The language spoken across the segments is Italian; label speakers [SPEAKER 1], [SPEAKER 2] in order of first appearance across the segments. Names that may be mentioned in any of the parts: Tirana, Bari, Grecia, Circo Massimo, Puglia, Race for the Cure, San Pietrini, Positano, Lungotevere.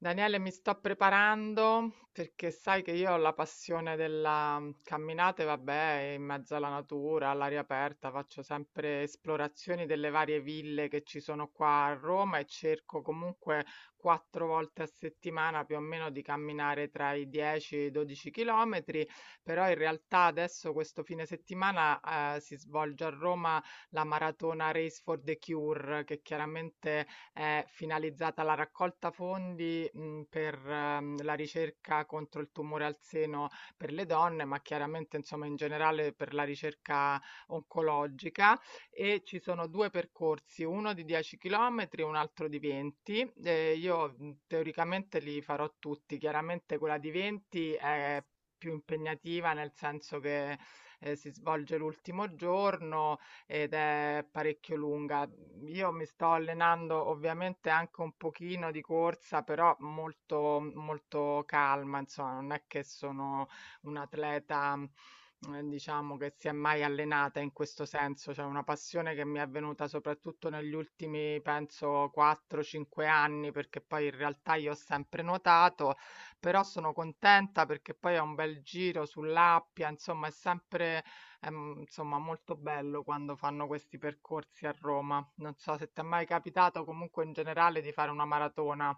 [SPEAKER 1] Daniele, mi sto preparando perché sai che io ho la passione della camminata, e vabbè, in mezzo alla natura, all'aria aperta, faccio sempre esplorazioni delle varie ville che ci sono qua a Roma e cerco comunque 4 volte a settimana più o meno di camminare tra i 10 e i 12 chilometri, però in realtà adesso questo fine settimana si svolge a Roma la maratona Race for the Cure, che chiaramente è finalizzata alla raccolta fondi, mhmm, per, la ricerca contro il tumore al seno per le donne, ma chiaramente insomma in generale per la ricerca oncologica. E ci sono 2 percorsi, uno di 10 chilometri e un altro di 20. Io, mhmm, teoricamente li farò tutti. Chiaramente quella di 20 è più impegnativa, nel senso che, si svolge l'ultimo giorno ed è parecchio lunga. Io mi sto allenando ovviamente anche un pochino di corsa, però molto, molto calma, insomma, non è che sono un'atleta, diciamo, che si è mai allenata in questo senso, cioè una passione che mi è venuta soprattutto negli ultimi, penso, 4-5 anni, perché poi in realtà io ho sempre nuotato, però sono contenta perché poi ho un bel giro sull'Appia, insomma, è insomma molto bello quando fanno questi percorsi a Roma. Non so se ti è mai capitato comunque in generale di fare una maratona.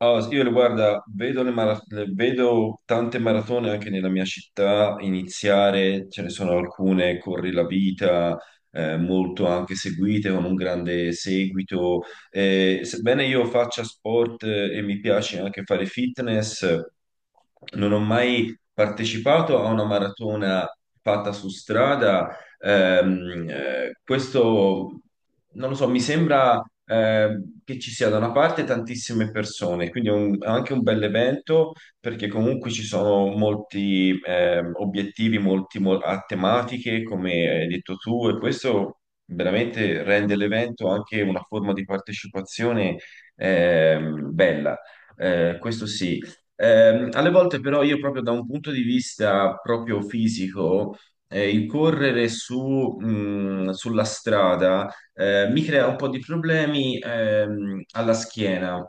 [SPEAKER 2] Allora, guarda, vedo tante maratone anche nella mia città iniziare, ce ne sono alcune, Corri la Vita, molto anche seguite, con un grande seguito. Sebbene io faccia sport, e mi piace anche fare fitness, non ho mai partecipato a una maratona fatta su strada. Questo, non lo so, mi sembra, che ci sia da una parte tantissime persone, quindi è anche un bel evento perché comunque ci sono molti obiettivi, a tematiche, come hai detto tu, e questo veramente rende l'evento anche una forma di partecipazione bella. Questo sì. Alle volte però io, proprio da un punto di vista proprio fisico, incorrere su, sulla strada, mi crea un po' di problemi alla schiena,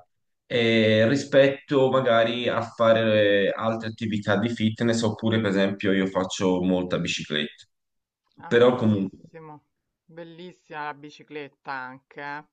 [SPEAKER 2] rispetto magari a fare altre attività di fitness, oppure per esempio io faccio molta bicicletta.
[SPEAKER 1] Ah,
[SPEAKER 2] Però comunque.
[SPEAKER 1] bellissimo. Bellissima la bicicletta anche, eh.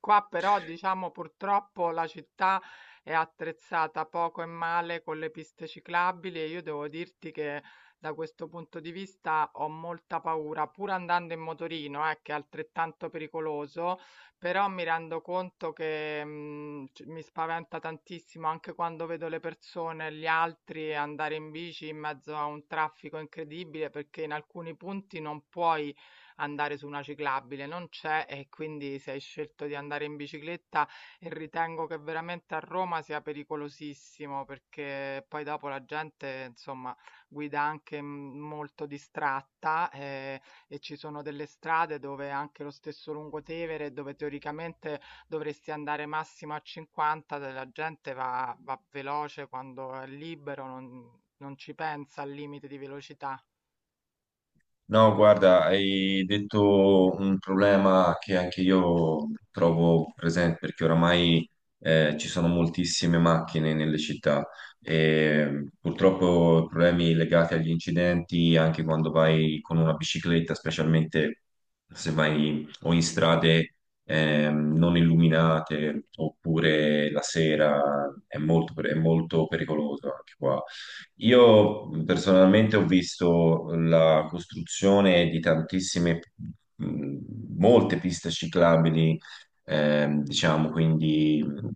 [SPEAKER 1] Qua però diciamo purtroppo la città è attrezzata poco e male con le piste ciclabili e io devo dirti che da questo punto di vista ho molta paura, pur andando in motorino, che è altrettanto pericoloso. Però mi rendo conto che, mhmm, c mi spaventa tantissimo anche quando vedo le persone, gli altri andare in bici in mezzo a un traffico incredibile, perché in alcuni punti non puoi andare su una ciclabile, non c'è e quindi se hai scelto di andare in bicicletta e ritengo che veramente a Roma sia pericolosissimo, perché poi dopo la gente, insomma, guida anche, mhmm, molto distratta, e ci sono delle strade dove anche lo stesso Lungotevere, dove teoricamente dovresti andare massimo a 50, la gente va, va veloce quando è libero, non ci pensa al limite di velocità.
[SPEAKER 2] No, guarda, hai detto un problema che anche io trovo presente perché oramai ci sono moltissime macchine nelle città e purtroppo problemi legati agli incidenti anche quando vai con una bicicletta, specialmente se vai o in strade non illuminate oppure la sera, è molto pericoloso anche qua. Io, personalmente, ho visto la costruzione di tantissime, mh, molte piste ciclabili, diciamo, quindi,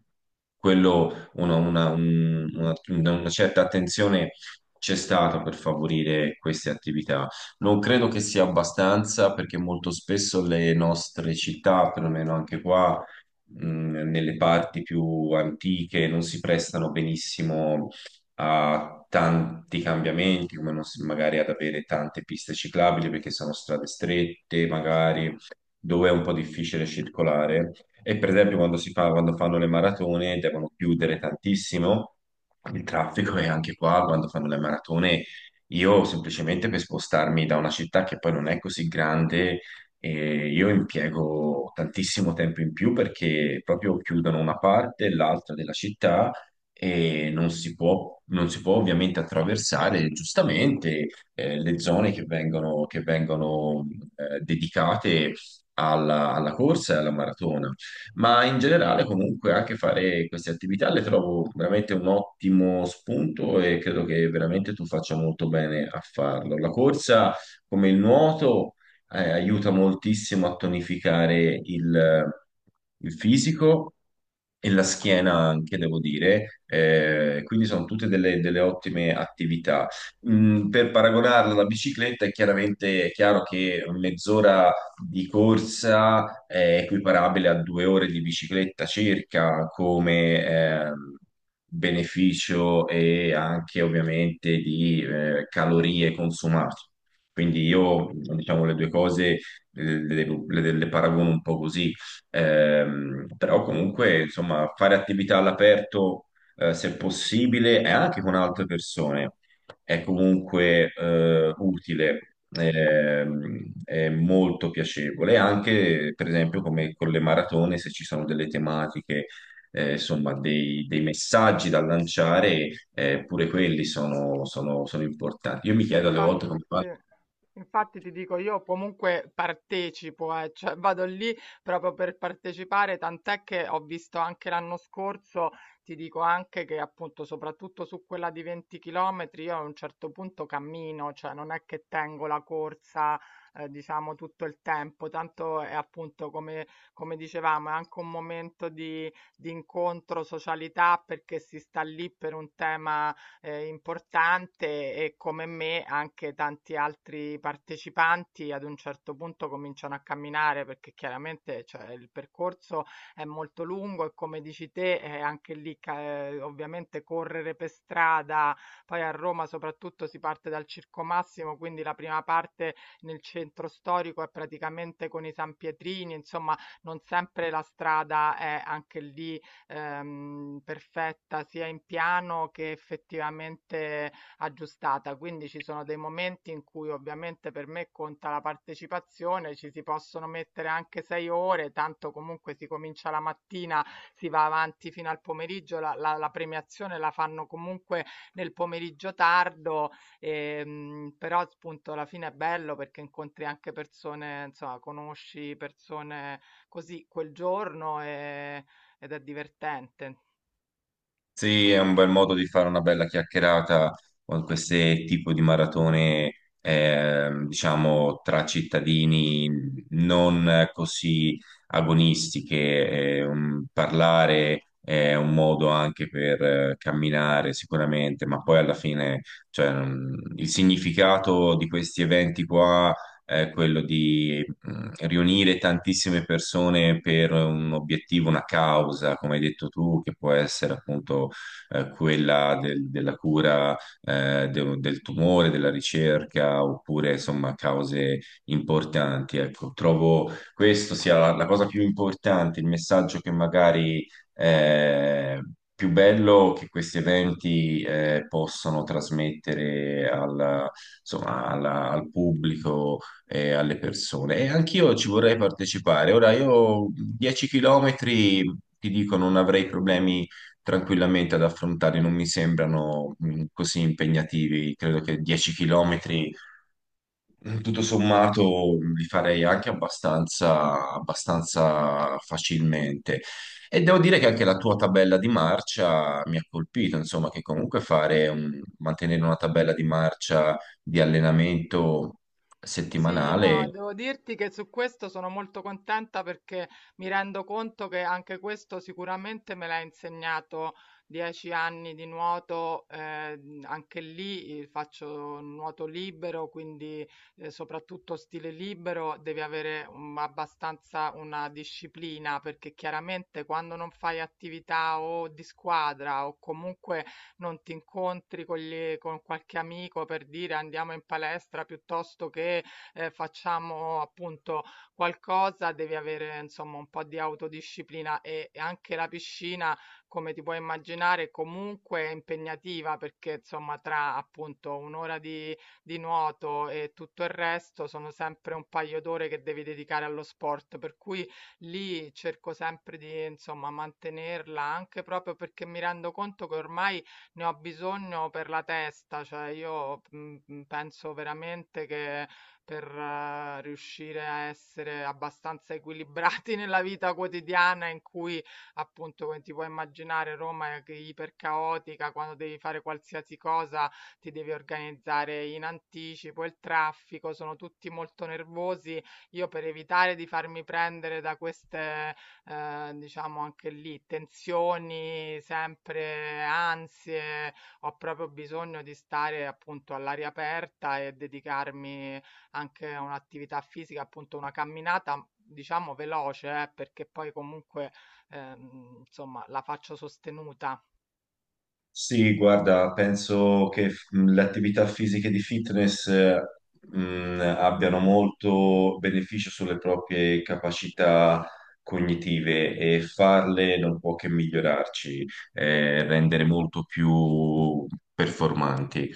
[SPEAKER 2] quello, una certa attenzione c'è stata per favorire queste attività. Non credo che sia abbastanza perché molto spesso le nostre città, perlomeno anche qua, nelle parti più antiche, non si prestano benissimo a tanti cambiamenti, come non s- magari ad avere tante piste ciclabili perché sono strade strette, magari dove è un po' difficile circolare. E per esempio quando fanno le maratone devono chiudere tantissimo il traffico, e anche qua quando fanno le maratone io, semplicemente per spostarmi da una città che poi non è così grande, e io impiego tantissimo tempo in più perché proprio chiudono una parte e l'altra della città e non si può ovviamente attraversare, giustamente, le zone che vengono, dedicate alla corsa e alla maratona. Ma in generale, comunque, anche fare queste attività le trovo veramente un ottimo spunto, e credo che veramente tu faccia molto bene a farlo. La corsa, come il nuoto, aiuta moltissimo a tonificare il fisico, e la schiena anche, devo dire. Quindi sono tutte delle ottime attività. Per paragonarla alla bicicletta, è chiaro che mezz'ora di corsa è equiparabile a due ore di bicicletta circa come, beneficio, e anche ovviamente di calorie consumate. Quindi io, diciamo, le due cose, le paragono un po' così. Però comunque, insomma, fare attività all'aperto, se possibile, e anche con altre persone, è comunque utile, è molto piacevole. Anche, per esempio, come con le maratone, se ci sono delle tematiche, insomma, dei messaggi da lanciare, pure quelli sono importanti. Io mi chiedo alle
[SPEAKER 1] Infa
[SPEAKER 2] volte come
[SPEAKER 1] Sì.
[SPEAKER 2] fanno.
[SPEAKER 1] Infatti ti dico, io comunque partecipo, cioè vado lì proprio per partecipare, tant'è che ho visto anche l'anno scorso, ti dico anche che appunto soprattutto su quella di 20 km io a un certo punto cammino, cioè non è che tengo la corsa, diciamo tutto il tempo, tanto è appunto come, come dicevamo, è anche un momento di incontro, socialità, perché si sta lì per un tema importante e come me anche tanti altri partecipanti ad un certo punto cominciano a camminare perché chiaramente cioè, il percorso è molto lungo e come dici te anche ovviamente correre per strada, poi a Roma soprattutto si parte dal Circo Massimo, quindi la prima parte nel centro storico è praticamente con i San Pietrini, insomma non sempre la strada è anche lì perfetta sia in piano che effettivamente aggiustata. Quindi ci sono dei momenti in cui ovviamente per me conta la partecipazione, ci si possono mettere anche 6 ore, tanto comunque si comincia la mattina, si va avanti fino al pomeriggio, la premiazione la fanno comunque nel pomeriggio tardo, però appunto alla fine è bello perché incontri anche persone, insomma, conosci persone così quel giorno e ed è divertente.
[SPEAKER 2] Sì, è un bel modo di fare una bella chiacchierata con queste tipo di maratone, diciamo, tra cittadini non così agonistiche. Parlare è un modo anche per camminare sicuramente, ma poi alla fine, cioè, il significato di questi eventi qua è quello, riunire tantissime persone per un obiettivo, una causa, come hai detto tu, che può essere appunto quella della cura, del tumore, della ricerca, oppure insomma cause importanti. Ecco, trovo questo sia la cosa più importante, il messaggio che magari, eh, più bello, che questi eventi possono trasmettere insomma, al pubblico, alle persone. E anch'io ci vorrei partecipare. Ora, io 10 km, ti dico, non avrei problemi tranquillamente ad affrontare, non mi sembrano, così impegnativi. Credo che 10 km, tutto sommato, li farei anche abbastanza, abbastanza facilmente. E devo dire che anche la tua tabella di marcia mi ha colpito, insomma, che comunque mantenere una tabella di marcia di allenamento
[SPEAKER 1] Sì, no,
[SPEAKER 2] settimanale.
[SPEAKER 1] devo dirti che su questo sono molto contenta perché mi rendo conto che anche questo sicuramente me l'ha insegnato 10 anni di nuoto, anche lì faccio nuoto libero, quindi soprattutto stile libero devi avere abbastanza una disciplina perché chiaramente quando non fai attività o di squadra o comunque non ti incontri con, con qualche amico per dire andiamo in palestra piuttosto che facciamo appunto qualcosa, devi avere insomma un po' di autodisciplina e anche la piscina, come ti puoi immaginare, comunque è impegnativa perché insomma tra appunto un'ora di nuoto e tutto il resto sono sempre un paio d'ore che devi dedicare allo sport, per cui lì cerco sempre di insomma mantenerla anche proprio perché mi rendo conto che ormai ne ho bisogno per la testa, cioè io mm, penso veramente che per riuscire a essere abbastanza equilibrati nella vita quotidiana in cui, appunto, come ti puoi immaginare, Roma è ipercaotica, quando devi fare qualsiasi cosa ti devi organizzare in anticipo, il traffico, sono tutti molto nervosi. Io per evitare di farmi prendere da queste, diciamo anche lì, tensioni, sempre ansie, ho proprio bisogno di stare appunto all'aria aperta e dedicarmi anche un'attività fisica, appunto una camminata, diciamo veloce, perché poi comunque insomma la faccio sostenuta.
[SPEAKER 2] Sì, guarda, penso che le attività fisiche di fitness, abbiano molto beneficio sulle proprie capacità cognitive, e farle non può che migliorarci, rendere molto più performanti.